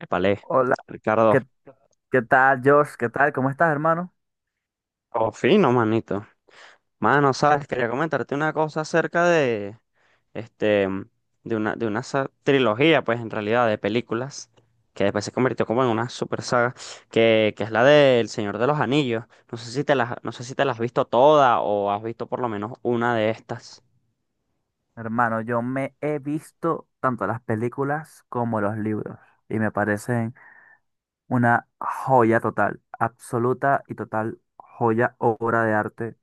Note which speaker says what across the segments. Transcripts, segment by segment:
Speaker 1: Épale,
Speaker 2: Hola,
Speaker 1: Ricardo,
Speaker 2: ¿qué, qué tal, Josh? ¿Qué tal? ¿Cómo estás, hermano?
Speaker 1: oh, fino, manito. Mano, sabes, quería comentarte una cosa acerca de, este, de una trilogía, pues, en realidad, de películas, que después se convirtió como en una super saga, que es la del Señor de los Anillos. No sé si te las has visto todas o has visto por lo menos una de estas.
Speaker 2: Hermano, yo me he visto tanto las películas como los libros y me parecen una joya total, absoluta y total joya, obra de arte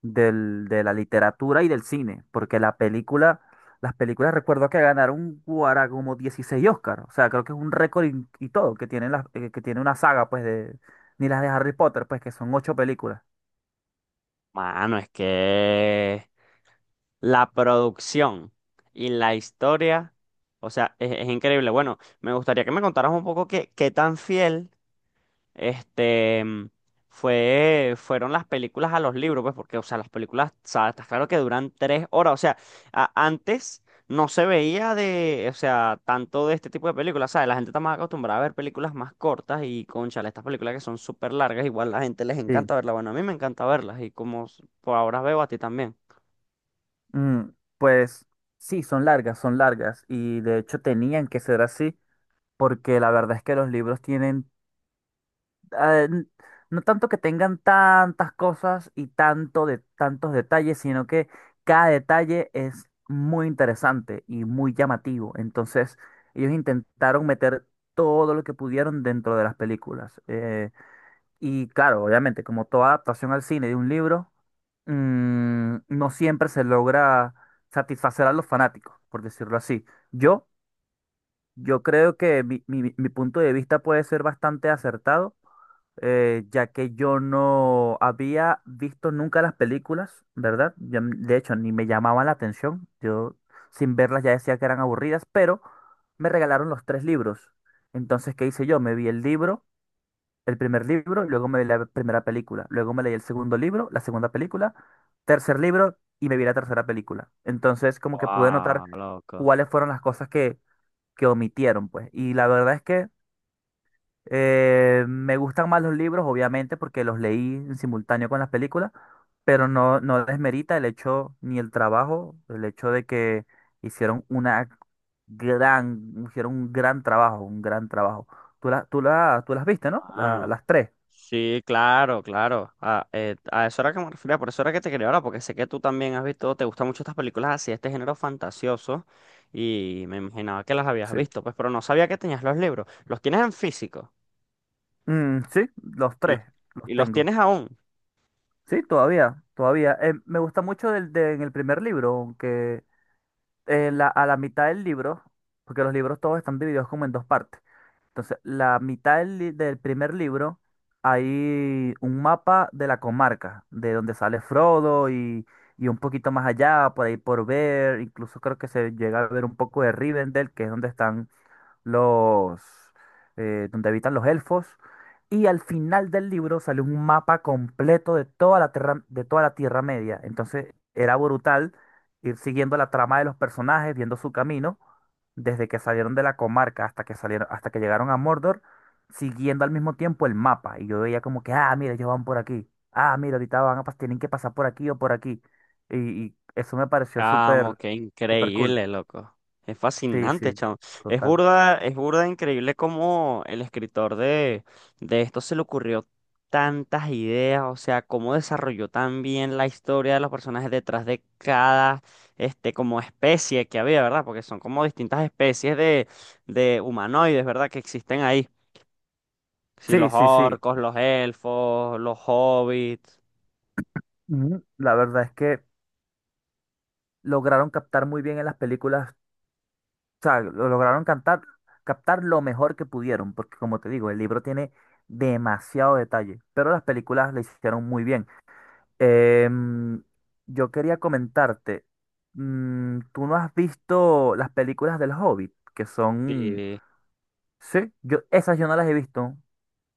Speaker 2: de la literatura y del cine, porque las películas recuerdo que ganaron Guara como 16 Oscar, o sea, creo que es un récord y todo que tiene, que tiene una saga, pues, de, ni las de Harry Potter, pues, que son ocho películas.
Speaker 1: Mano, es que la producción y la historia, o sea, es increíble. Bueno, me gustaría que me contaras un poco qué tan fiel este mm, fueron las películas a los libros, pues, porque, o sea, las películas, o sea, está claro que duran 3 horas. O sea, antes no se veía o sea, tanto de este tipo de películas. ¿Sabes? La gente está más acostumbrada a ver películas más cortas y, cónchale, estas películas que son súper largas, igual la gente les encanta verlas. Bueno, a mí me encanta verlas y como por ahora veo a ti también.
Speaker 2: Mm, pues sí, son largas y de hecho tenían que ser así, porque la verdad es que los libros tienen, eh, n- no tanto que tengan tantas cosas y tanto de tantos detalles, sino que cada detalle es muy interesante y muy llamativo. Entonces, ellos intentaron meter todo lo que pudieron dentro de las películas. Y claro, obviamente, como toda adaptación al cine de un libro, no siempre se logra satisfacer a los fanáticos, por decirlo así. Yo, yo creo que mi punto de vista puede ser bastante acertado, ya que yo no había visto nunca las películas, ¿verdad? De hecho, ni me llamaban la atención. Yo sin verlas ya decía que eran aburridas, pero me regalaron los tres libros. Entonces, ¿qué hice yo? Me vi el primer libro, luego me vi la primera película, luego me leí el segundo libro, la segunda película, tercer libro y me vi la tercera película. Entonces, como que pude notar
Speaker 1: Wow, loco.
Speaker 2: cuáles fueron las cosas que omitieron, pues. Y la verdad es que, me gustan más los libros, obviamente, porque los leí en simultáneo con las películas, pero no desmerita el hecho ni el trabajo, el hecho de que hicieron una hicieron un gran trabajo, un gran trabajo. Tú las viste, ¿no? La-
Speaker 1: Mano.
Speaker 2: las tres.
Speaker 1: Sí, claro, claro. A eso era que me refería, por eso era que te quería hablar, porque sé que tú también has visto, te gustan mucho estas películas así, este género fantasioso, y me imaginaba que las habías
Speaker 2: Sí.
Speaker 1: visto, pues, pero no sabía que tenías los libros. ¿Los tienes en físico
Speaker 2: Mm, sí, los
Speaker 1: y los,
Speaker 2: tres los
Speaker 1: y los
Speaker 2: tengo.
Speaker 1: tienes aún?
Speaker 2: Sí, todavía, todavía. Me gusta mucho en el primer libro, aunque a la mitad del libro, porque los libros todos están divididos como en dos partes. Entonces, la mitad del primer libro hay un mapa de la comarca, de donde sale Frodo, y un poquito más allá, por ahí por ver, incluso creo que se llega a ver un poco de Rivendell, que es donde están los donde habitan los elfos. Y al final del libro sale un mapa completo de toda la tierra, de toda la Tierra Media. Entonces era brutal ir siguiendo la trama de los personajes, viendo su camino, desde que salieron de la comarca hasta que salieron, hasta que llegaron a Mordor, siguiendo al mismo tiempo el mapa. Y yo veía como que, ah, mira, ellos van por aquí. Ah, mira, ahorita tienen que pasar por aquí o por aquí. Y, y eso me pareció
Speaker 1: Chamo,
Speaker 2: súper,
Speaker 1: qué
Speaker 2: súper cool.
Speaker 1: increíble, loco. Es
Speaker 2: Sí,
Speaker 1: fascinante,
Speaker 2: sí,
Speaker 1: chamo. Es
Speaker 2: total.
Speaker 1: burda, es burda increíble cómo el escritor de esto se le ocurrió tantas ideas, o sea, cómo desarrolló tan bien la historia de los personajes detrás de cada, como especie que había, ¿verdad? Porque son como distintas especies de humanoides, ¿verdad? Que existen ahí. Sí, los
Speaker 2: Sí, sí, sí.
Speaker 1: orcos, los elfos, los hobbits.
Speaker 2: Ujú. La verdad es que lograron captar muy bien en las películas, o sea, lo lograron cantar, captar lo mejor que pudieron, porque como te digo, el libro tiene demasiado detalle, pero las películas le hicieron muy bien. Em, yo quería comentarte, ¿tú no has visto las películas del Hobbit? Que son,
Speaker 1: Sí.
Speaker 2: sí, esas yo no las he visto,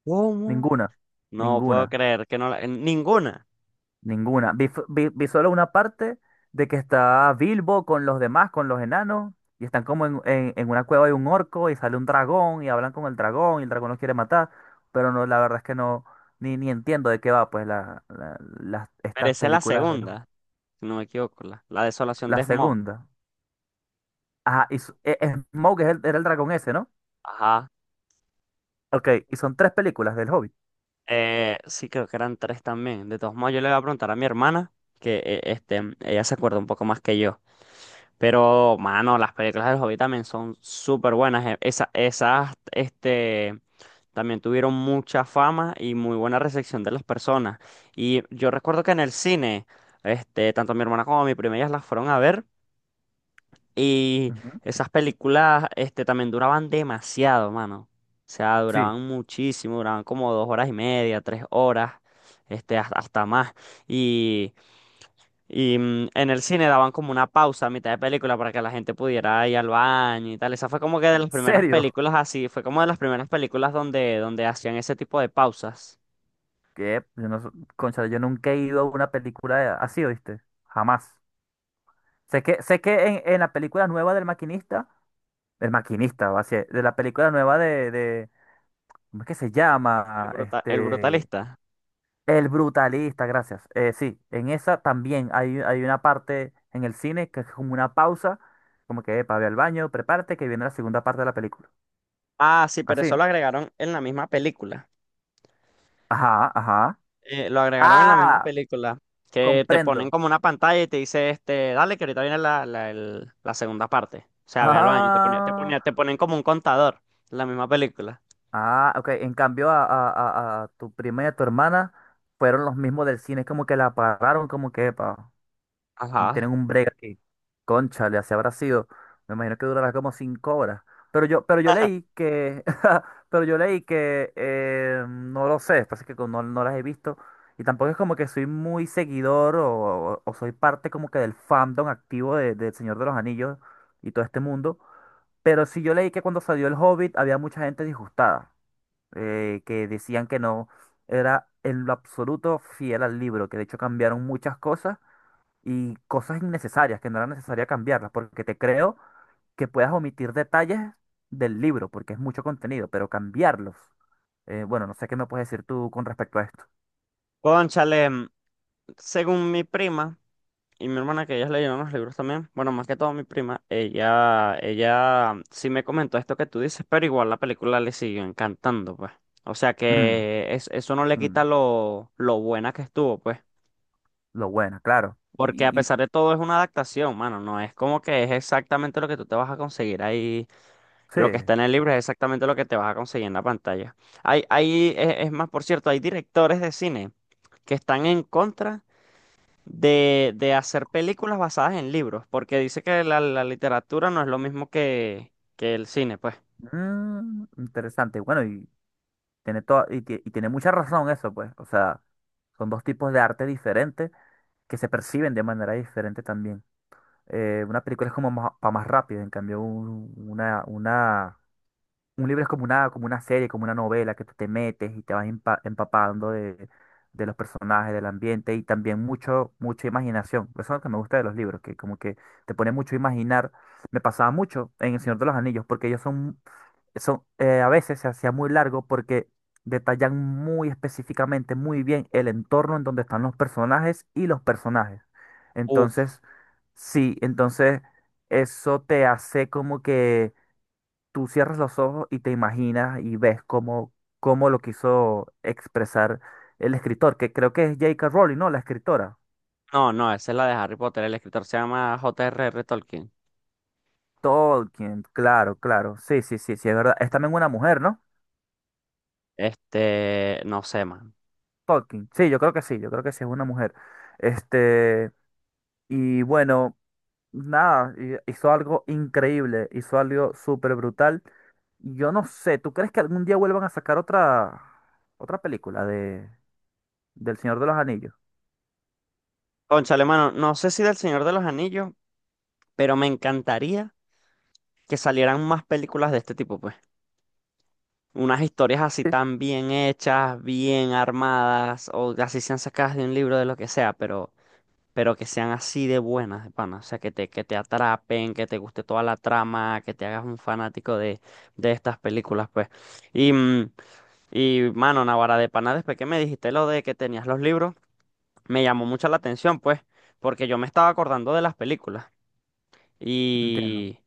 Speaker 1: ¿Cómo?
Speaker 2: ninguna,
Speaker 1: No puedo
Speaker 2: ninguna.
Speaker 1: creer que no la- en ninguna.
Speaker 2: Ninguna. Vi solo una parte de que está Bilbo con los demás, con los enanos, y están como en una cueva de un orco y sale un dragón y hablan con el dragón y el dragón los quiere matar. Pero no, la verdad es que no, ni entiendo de qué va, pues,
Speaker 1: Pero
Speaker 2: estas
Speaker 1: esa es la
Speaker 2: películas de los...
Speaker 1: segunda, si no me equivoco, la desolación
Speaker 2: La
Speaker 1: de Smaug.
Speaker 2: segunda. Ajá, Smaug es era el dragón ese, ¿no?
Speaker 1: Ajá.
Speaker 2: Ok, y son tres películas del Hobbit.
Speaker 1: Sí, creo que eran tres también. De todos modos, yo le voy a preguntar a mi hermana, que ella se acuerda un poco más que yo. Pero, mano, las películas del Hobbit también son súper buenas. También tuvieron mucha fama y muy buena recepción de las personas. Y yo recuerdo que en el cine, tanto mi hermana como mi prima, ellas las fueron a ver. Y
Speaker 2: Ujú.
Speaker 1: esas películas, también duraban demasiado, mano. O sea,
Speaker 2: Sí.
Speaker 1: duraban muchísimo, duraban como 2 horas y media, 3 horas, hasta más. Y, en el cine daban como una pausa a mitad de película para que la gente pudiera ir al baño y tal. Esa fue como que de
Speaker 2: ¿En
Speaker 1: las primeras
Speaker 2: serio?
Speaker 1: películas así, fue como de las primeras películas donde hacían ese tipo de pausas.
Speaker 2: Que yo no, concha, yo nunca he ido a una película así, ¿oíste? Jamás. Sé que en la película nueva del maquinista, va a ser, de la película nueva ¿cómo es que se
Speaker 1: El
Speaker 2: llama?
Speaker 1: bruta- el brutalista.
Speaker 2: El Brutalista, gracias. Sí, en esa también hay una parte en el cine que es como una pausa, como que, epa, ve al baño, prepárate, que viene la segunda parte de la película.
Speaker 1: Ah, sí, pero eso
Speaker 2: Así.
Speaker 1: lo agregaron en la misma película.
Speaker 2: Ajá, ajá.
Speaker 1: Eh, lo agregaron en la misma
Speaker 2: Ah,
Speaker 1: película, que te ponen
Speaker 2: comprendo.
Speaker 1: como una pantalla y te dice, este, dale, que ahorita viene la segunda parte. O sea, ve al baño y
Speaker 2: Ah,
Speaker 1: te ponen como un contador en la misma película.
Speaker 2: ah, ok. En cambio, a tu prima y a tu hermana, fueron los mismos del cine, es como que la pararon, como que, epa.
Speaker 1: Ajá.
Speaker 2: Tienen un break aquí. Cónchale, así habrá sido. Me imagino que durará como 5 horas. Pero yo leí que, pero yo leí que, no lo sé, pasa que como no las he visto. Y tampoco es como que soy muy seguidor o soy parte como que del fandom activo de El Señor de los Anillos y todo este mundo. Pero sí yo leí que cuando salió El Hobbit había mucha gente disgustada, que decían que no era en lo absoluto fiel al libro, que de hecho cambiaron muchas cosas y cosas innecesarias que no era necesaria cambiarlas, porque te creo que puedas omitir detalles del libro, porque es mucho contenido, pero cambiarlos. Bueno, no sé qué me puedes decir tú con respecto a esto.
Speaker 1: Cónchale, según mi prima y mi hermana, que ellas leyeron los libros también, bueno, más que todo mi prima, ella sí me comentó esto que tú dices, pero igual la película le siguió encantando, pues. O sea
Speaker 2: Mm,
Speaker 1: que eso no le
Speaker 2: mm,
Speaker 1: quita lo buena que estuvo, pues.
Speaker 2: lo bueno, claro.
Speaker 1: Porque a pesar de todo es una adaptación, mano, no es como que es exactamente lo que tú te vas a conseguir ahí,
Speaker 2: Sí,
Speaker 1: lo que está en el libro es exactamente lo que te vas a conseguir en la pantalla. Hay, es más, por cierto, hay directores de cine que están en contra de hacer películas basadas en libros, porque dice que la literatura no es lo mismo que el cine, pues.
Speaker 2: interesante. Bueno, y tiene toda, y, tie- y tiene mucha razón eso, pues. O sea, son dos tipos de arte diferentes que se perciben de manera diferente también. Una película es como más, para más rápido, en cambio un- una Un libro es como una serie, como una novela que tú te metes y te vas empapando de los personajes, del ambiente y también mucho, mucha imaginación. Eso es lo que me gusta de los libros, que como que te pone mucho a imaginar. Me pasaba mucho en El Señor de los Anillos, porque ellos son, son a veces se hacía muy largo porque detallan muy específicamente, muy bien el entorno en donde están los personajes y los personajes.
Speaker 1: Uf,
Speaker 2: Entonces, sí, entonces eso te hace como que tú cierras los ojos y te imaginas y ves cómo lo quiso expresar el escritor, que creo que es J.K. Rowling, ¿no? La escritora.
Speaker 1: no, no, esa es la de Harry Potter, el escritor se llama J. R. R. Tolkien.
Speaker 2: Tolkien, claro, claro. Sí, sí, sí, sí, es verdad. Es también una mujer, ¿no?
Speaker 1: No sé, man.
Speaker 2: Tolkien. Sí, yo creo que sí, yo creo que sí es una mujer. Este, y bueno, nada, hizo algo increíble, hizo algo súper brutal. Yo no sé, ¿tú crees que algún día vuelvan a sacar otra película del Señor de los Anillos?
Speaker 1: Cónchale, mano, no sé si del Señor de los Anillos, pero me encantaría que salieran más películas de este tipo, pues. Unas historias así
Speaker 2: Sí,
Speaker 1: tan bien hechas, bien armadas, o así sean sacadas de un libro de lo que sea, pero que sean así de buenas, de pana. O sea, que te atrapen, que te guste toda la trama, que te hagas un fanático de estas películas, pues. Y, mm, y mano, Navarra de pana, después que me dijiste lo de que tenías los libros, me llamó mucho la atención, pues, porque yo me estaba acordando de las películas.
Speaker 2: entiendo.
Speaker 1: Y,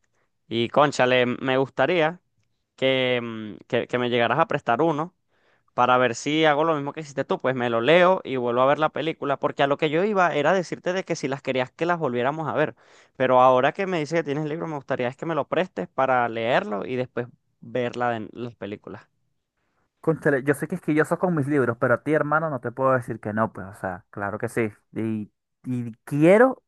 Speaker 1: y cónchale, me gustaría que me llegaras a prestar uno para ver si hago lo mismo que hiciste tú, pues me lo leo y vuelvo a ver la película, porque a lo que yo iba era decirte de que si las querías que las volviéramos a ver, pero ahora que me dices que tienes el libro, me gustaría es que me lo prestes para leerlo y después ver la de las películas.
Speaker 2: Cónchale, yo soy quisquilloso con mis libros, pero a ti, hermano, no te puedo decir que no, pues, o sea, claro que sí. Y quiero,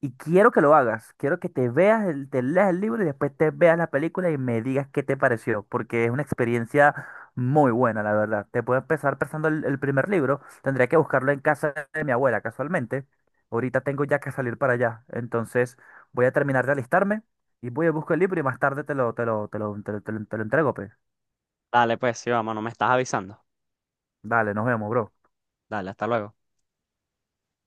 Speaker 2: y quiero que lo hagas. Quiero que te veas, te leas el libro y después te veas la película y me digas qué te pareció, porque es una experiencia muy buena, la verdad. Te puedo empezar prestando el primer libro. Tendría que buscarlo en casa de mi abuela, casualmente. Ahorita tengo ya que salir para allá. Entonces, voy a terminar de alistarme y voy a buscar el libro y más tarde te lo entrego, pues.
Speaker 1: Dale, pues sí, vamos, no me estás avisando.
Speaker 2: Dale, nos vemos, bro.
Speaker 1: Dale, hasta luego.